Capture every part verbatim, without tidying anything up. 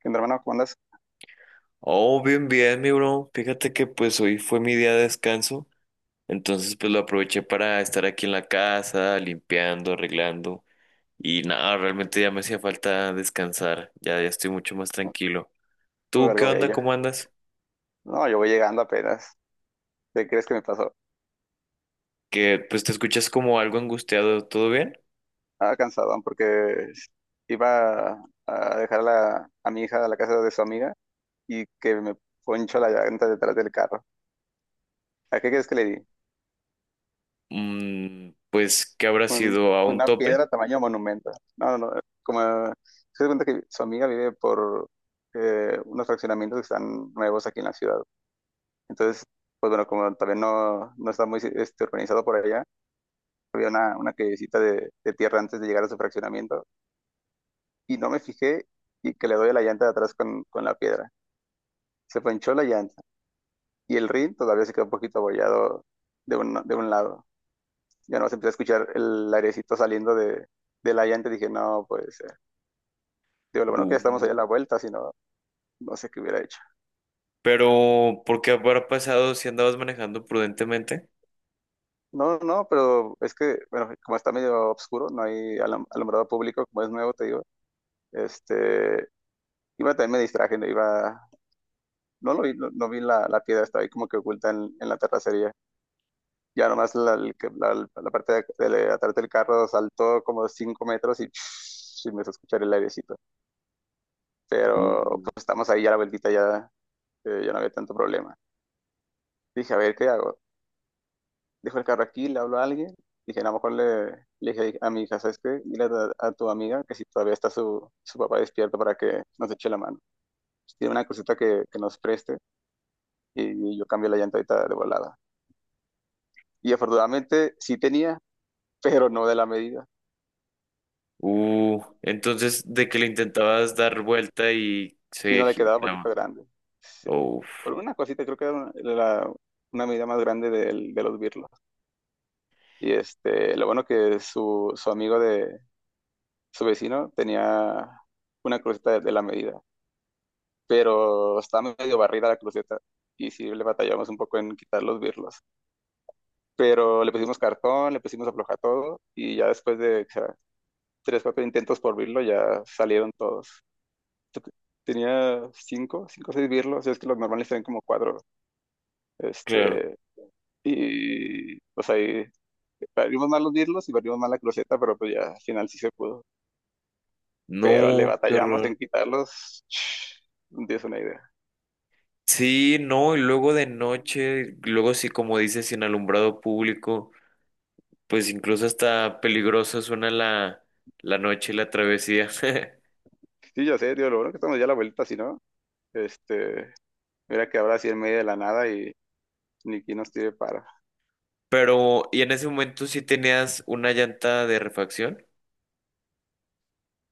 ¿Qué onda, hermano? ¿Cómo andas? Oh, bien, bien, mi bro. Fíjate que pues hoy fue mi día de descanso, entonces pues lo aproveché para estar aquí en la casa, limpiando, arreglando y nada, realmente ya me hacía falta descansar, ya, ya estoy mucho más tranquilo. Uh, ¿Tú qué Algo onda? bello. ¿Cómo andas? No, yo voy llegando apenas. ¿Qué crees que me pasó? Que pues te escuchas como algo angustiado, ¿todo bien? Ah, cansadón porque iba a dejar a, la- a mi hija a la casa de su amiga y que me poncho la llanta detrás del carro. ¿A qué crees que le di? Mm, pues que habrá Un- sido a un una tope. piedra tamaño monumento. No, no, no. Como se da cuenta que su amiga vive por eh, unos fraccionamientos que están nuevos aquí en la ciudad. Entonces, pues bueno, como también no, no está muy este, organizado por allá. Había una, una callecita de, de tierra antes de llegar a su fraccionamiento y no me fijé y que le doy a la llanta de atrás con, con la piedra. Se ponchó la llanta y el rin todavía se quedó un poquito abollado de un, de un lado. Ya no se empezó a escuchar el airecito saliendo de, de la llanta y dije, no, puede ser. Digo, lo bueno que ya estamos Uh, allá a la vuelta, si no, no sé qué hubiera hecho. pero ¿por qué habrá pasado si andabas manejando prudentemente? No, no, pero es que, bueno, como está medio oscuro, no hay alum- alumbrado público, como es nuevo, te digo, este, iba, también me distraje, ¿no? iba No lo vi, no, no vi la, la piedra, estaba ahí como que oculta en, en la terracería. Ya nomás la, el que- la- la parte de, de atrás del carro saltó como cinco metros y, y me hizo escuchar el airecito. Uh. Pero pues estamos ahí ya la vueltita, ya, eh, ya no había tanto problema. Dije, a ver, ¿qué hago? Dejo el carro aquí, le hablo a alguien. Dije, a lo mejor, le, le dije a mi hija, ¿sabes qué? Dile a, a tu amiga que si todavía está su, su papá despierto para que nos eche la mano. Si Tiene una cosita que, que nos preste y yo cambio la llanta ahorita de volada. Y afortunadamente sí tenía, pero no de la medida, Uh, entonces de que le intentabas dar vuelta y se sino le quedaba un poquito giraba. grande. Sí. Uf, Por una cosita, creo que era una, la- una medida más grande del- de, los birlos. Y este, lo bueno que su, su amigo de su vecino tenía una cruceta de, de la medida, pero estaba medio barrida la cruceta. Y sí, le batallamos un poco en quitar los birlos. Pero le pusimos cartón, le pusimos afloja todo, y ya después de, o sea, tres, cuatro intentos por birlo, ya salieron todos. Tenía cinco, cinco o seis birlos, es que los normales tienen como cuatro. claro. Este, y pues ahí parimos mal los birlos y parimos mal la cruceta, pero pues ya al final sí se pudo. Pero le No, qué batallamos horror. en quitarlos. No tienes una idea. Sí, no, y luego de noche, luego sí, como dices, sin alumbrado público, pues incluso hasta peligroso suena la, la noche y la travesía. Sí, ya sé, tío, lo bueno que estamos ya a la vuelta, si no, este, mira que ahora sí en medio de la nada y ni quien nos tire para. Pero, ¿y en ese momento sí tenías una llanta de refacción?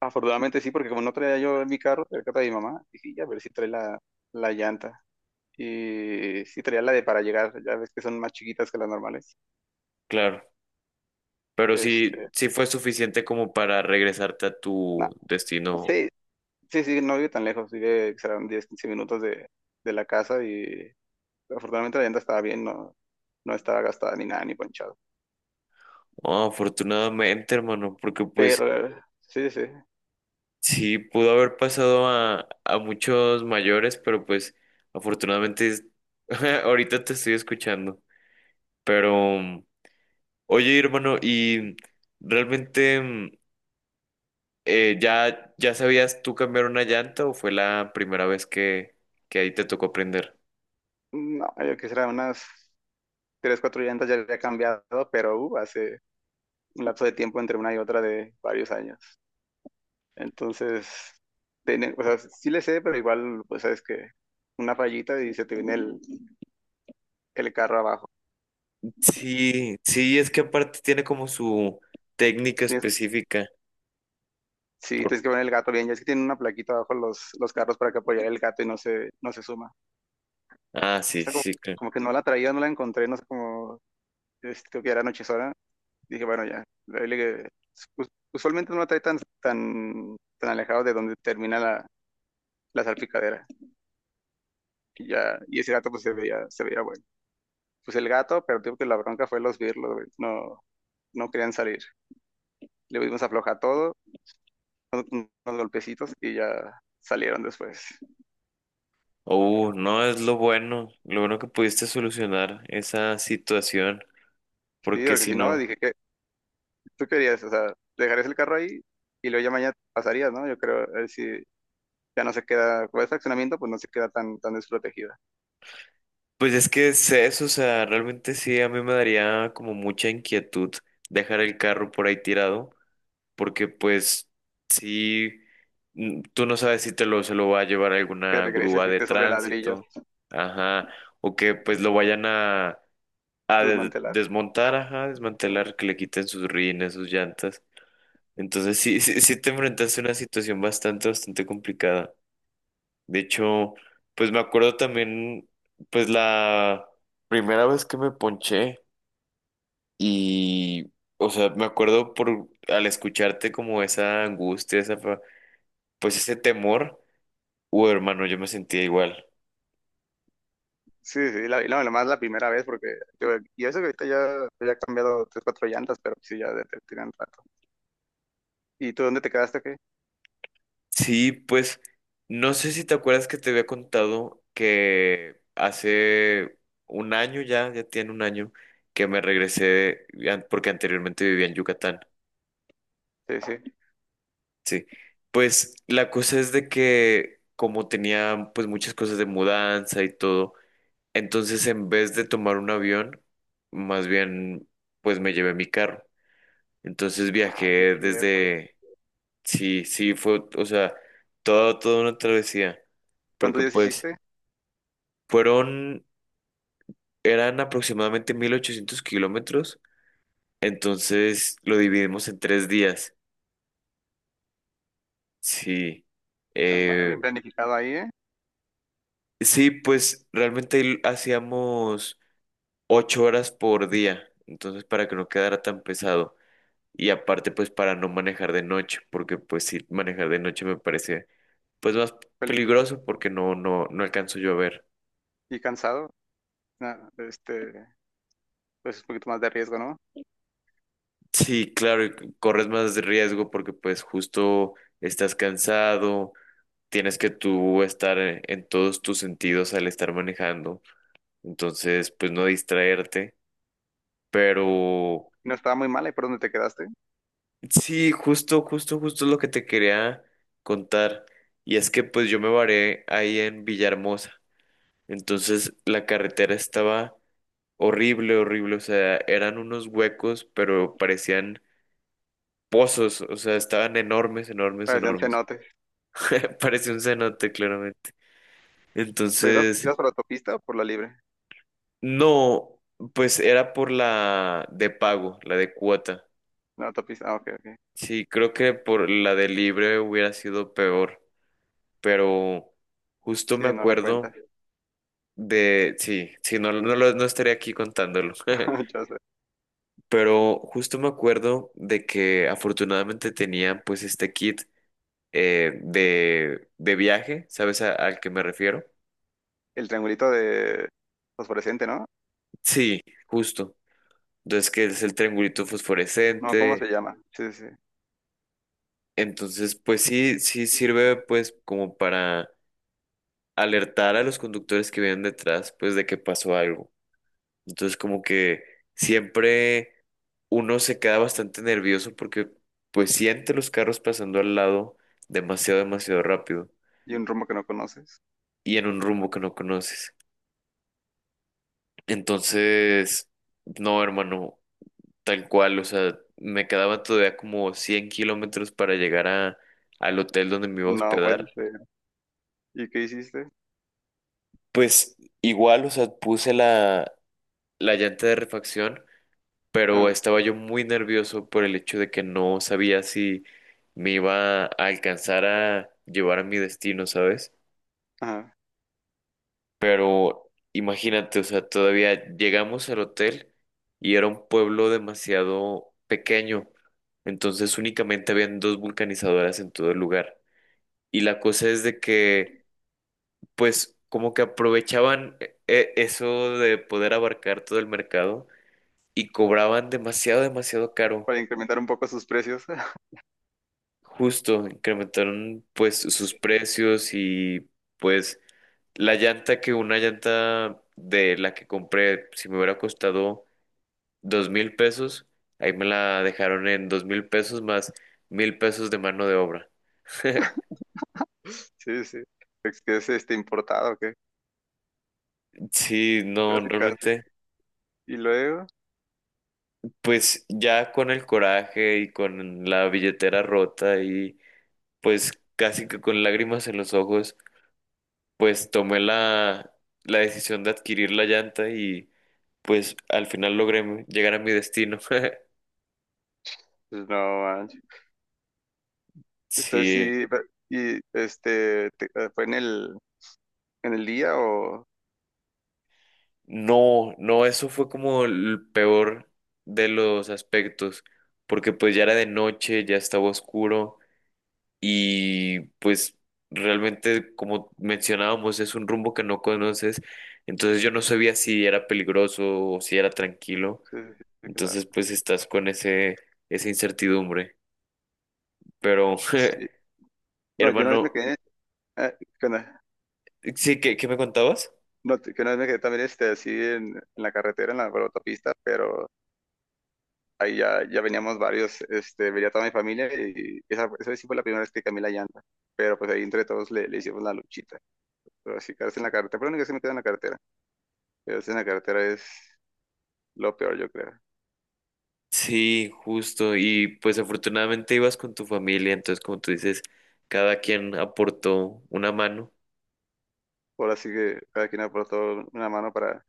Afortunadamente sí, porque como no traía yo en mi carro, traía el carro de mi mamá, dije, ya a ver si trae la, la llanta. Y sí traía la de para llegar, ya ves que son más chiquitas que las normales. Claro, pero sí, Este, sí fue suficiente como para regresarte a no, tu destino. sí, Sí, sí, no vive tan lejos, vive, serán diez, quince minutos de, de la casa, y afortunadamente la llanta estaba bien, no, no estaba gastada ni nada, ni ponchado. Ah, afortunadamente, hermano, porque pues, Pero eh, sí, sí, sí, pudo haber pasado a, a muchos mayores, pero pues afortunadamente es- ahorita te estoy escuchando. Pero, mm, oye, hermano, ¿y realmente mm, eh, ya, ya sabías tú cambiar una llanta o fue la primera vez que, que ahí te tocó aprender? no, yo quisiera unas tres, cuatro llantas ya había cambiado, pero uh, hace un lapso de tiempo entre una y otra de varios años. Entonces, tiene- o sea, sí le sé, pero igual, pues sabes que una fallita y se te viene el, el carro abajo. Sí, sí, es que aparte tiene como su técnica Tienes- específica. sí, Por- tienes que poner el gato bien, ya es que tienen una plaquita abajo los, los carros para que apoyar el gato y no se, no se suma. Ah, sí, Esta como, sí, claro. como que no la traía, no la encontré, no sé cómo, este, creo que era anochezona. Dije, bueno, ya. Ahí le- us- Usualmente no la trae tan, tan, tan alejado de donde termina la, la salpicadera. Y ya, y ese gato pues se veía, se veía bueno. Pues el gato, pero digo que la bronca fue los birlos, güey. No, no querían salir. Le dimos afloja todo, unos, unos golpecitos y ya salieron después. Oh, no, es lo bueno, lo bueno que pudiste solucionar esa situación, Sí, porque porque si si no, no, dije que tú querías, o sea, dejarías el carro ahí y luego ya mañana pasarías, ¿no? Yo creo, a ver si ya no se queda, con ese accionamiento, pues no se queda tan, tan desprotegida. pues es que es eso, o sea, realmente sí, a mí me daría como mucha inquietud dejar el carro por ahí tirado, porque pues sí, mm, tú no sabes si te lo, se lo va a llevar Que alguna regreses y grúa de esté sobre ladrillos, tránsito, ajá, o que pues lo vayan a, a de- desmantelar. desmontar, ajá, desmantelar, que le quiten sus rines, sus llantas. Entonces sí, sí, sí te enfrentaste a una situación bastante, bastante complicada. De hecho, pues me acuerdo también, pues la primera vez que me ponché y, o sea, me acuerdo por al escucharte como esa angustia, esa, fa- pues ese temor, uh, hermano, yo me sentía igual. Sí, sí, la, y no, nomás la primera vez, porque yo, y eso que ahorita ya, ya he cambiado tres, cuatro llantas, pero sí, ya de- te tiran rato. ¿Y tú dónde te quedaste, qué? Sí, pues no sé si te acuerdas que te había contado que hace un año, ya, ya tiene un año que me regresé, an- porque anteriormente vivía en Yucatán. Sí, sí. Sí, pues la cosa es de que como tenía pues muchas cosas de mudanza y todo, entonces en vez de tomar un avión, más bien pues me llevé mi carro. Entonces Ah, sí, viajé cierto. desde, sí, sí, fue, o sea, todo, toda una travesía, ¿Cuántos porque días pues hiciste? fueron, eran aproximadamente mil ochocientos kilómetros, entonces lo dividimos en tres días, sí. Ah, va, bien Eh, planificado ahí, ¿eh? sí, pues realmente ahí hacíamos... ocho horas por día, entonces para que no quedara tan pesado y aparte pues para no manejar de noche, porque pues sí, manejar de noche me parece pues más Peligroso. peligroso porque no, no, no alcanzo yo a ver. ¿Y cansado? Ah, este, pues un poquito más de riesgo, ¿no? Sí, claro, y c- corres más riesgo porque pues justo estás cansado, tienes que tú estar en en todos tus sentidos al estar manejando, entonces pues no distraerte, pero No estaba muy mal, ¿y por dónde te quedaste? sí, justo, justo, justo lo que te quería contar. Y es que pues yo me varé ahí en Villahermosa. Entonces la carretera estaba horrible, horrible. O sea, eran unos huecos, pero parecían pozos. O sea, estaban enormes, enormes, Parecían enormes. cenotes. Parecía un cenote, claramente. ¿Pero ibas, Entonces, ibas por la autopista o por la libre? no, pues era por la de pago, la de cuota. La autopista, ah, ok, ok. Sí, creo que por la de libre hubiera sido peor. Pero justo me Sí, no la cuentas. acuerdo de, sí, sí, no, no, lo- no estaría aquí contándolo, Ya sé. pero justo me acuerdo de que afortunadamente tenía pues este kit eh, de, de viaje, ¿sabes a- al que me refiero? El triangulito de fosforescente, ¿no? Sí, justo. Entonces, que es el triangulito No, ¿cómo fosforescente. se llama? Sí, sí, sí. Entonces, pues sí, sí sirve pues como para alertar a los conductores que vienen detrás, pues de que pasó algo. Entonces como que siempre uno se queda bastante nervioso porque pues siente los carros pasando al lado demasiado, demasiado rápido Y un rumbo que no conoces. y en un rumbo que no conoces. Entonces, no, hermano, tal cual, o sea, me quedaba todavía como cien kilómetros para llegar a, al hotel donde me iba a No puede hospedar. ser. ¿Y qué hiciste? Pues igual, o sea, puse la, la llanta de refacción pero Ajá, estaba yo muy nervioso por el hecho de que no sabía si me iba a alcanzar a llevar a mi destino, ¿sabes? ajá. Pero imagínate, o sea, todavía llegamos al hotel y era un pueblo demasiado pequeño, entonces únicamente habían dos vulcanizadoras en todo el lugar. Y la cosa es de que, pues, como que aprovechaban eh, eh, eso de poder abarcar todo el mercado y cobraban demasiado, demasiado caro. Para incrementar un poco sus precios. Justo, incrementaron pues sus Sí, precios y pues la llanta que una llanta de la que compré, si me hubiera costado dos mil pesos, ahí me la dejaron en dos mil pesos más mil pesos de mano de obra. sí, sí. Es que es este importado, ¿o qué? Sí, no, Casi, casi. realmente, Y luego, pues ya con el coraje y con la billetera rota y pues casi que con lágrimas en los ojos, pues tomé la, la decisión de adquirir la llanta y... pues al final logré llegar a mi destino. pues, no manches. Entonces Sí, sí, pe- y este, te- eh, ¿fue en el, en el día o? no, no, eso fue como el peor de los aspectos, porque pues ya era de noche, ya estaba oscuro y pues realmente como mencionábamos es un rumbo que no conoces, entonces yo no sabía si era peligroso o si era tranquilo, Sí, sí, sí, claro. entonces pues estás con ese, esa incertidumbre, pero Sí. No, yo una vez me hermano, quedé, eh, ¿qué onda? sí, ¿qué, qué me contabas? No, t- que una vez me quedé también este, así en, en la carretera, en la, autopista, pero ahí ya, ya veníamos varios, este, venía toda mi familia y esa, esa vez sí fue la primera vez que cambié la llanta, pero pues ahí entre todos le, le hicimos la luchita, pero así quedarse en la carretera, pero lo único que se me queda en la carretera, quedarse en la carretera es lo peor yo creo, Sí, justo. Y pues afortunadamente ibas con tu familia, entonces como tú dices, cada quien aportó una mano. ahora sí que cada quien aportó una mano para,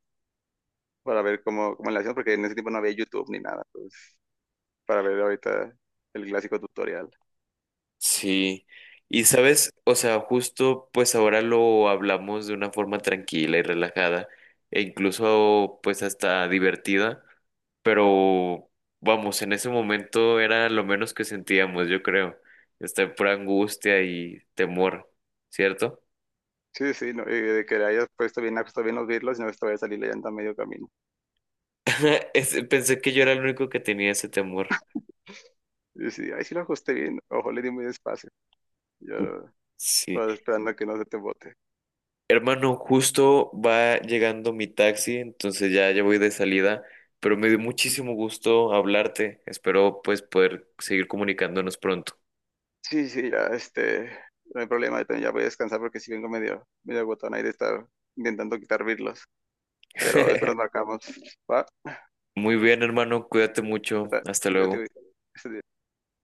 para ver cómo, cómo le hacían, porque en ese tiempo no había YouTube ni nada, pues para ver ahorita el clásico tutorial. Sí. Y sabes, o sea, justo pues ahora lo hablamos de una forma tranquila y relajada e incluso pues hasta divertida, pero vamos, en ese momento era lo menos que sentíamos, yo creo. Esta pura angustia y temor, ¿cierto? Sí, sí, no, y de que le hayas puesto bien, ajustado bien los birlos y no esta a salir la llanta a medio camino. Es- Pensé que yo era el único que tenía ese temor. Y Yo sí, ay, sí lo ajusté bien, ojo, le di muy despacio. Yo Sí. estaba esperando que no se te bote. Hermano, justo va llegando mi taxi, entonces ya, ya voy de salida, pero me dio muchísimo gusto hablarte. Espero pues poder seguir comunicándonos pronto. Sí, sí, ya, este, no hay problema, yo también ya voy a descansar porque si vengo medio, medio agotado ahí de estar intentando quitar birlos. Pero después nos marcamos, ¿va? Muy bien, hermano, cuídate mucho. Está- Hasta ya te luego. voy. Este-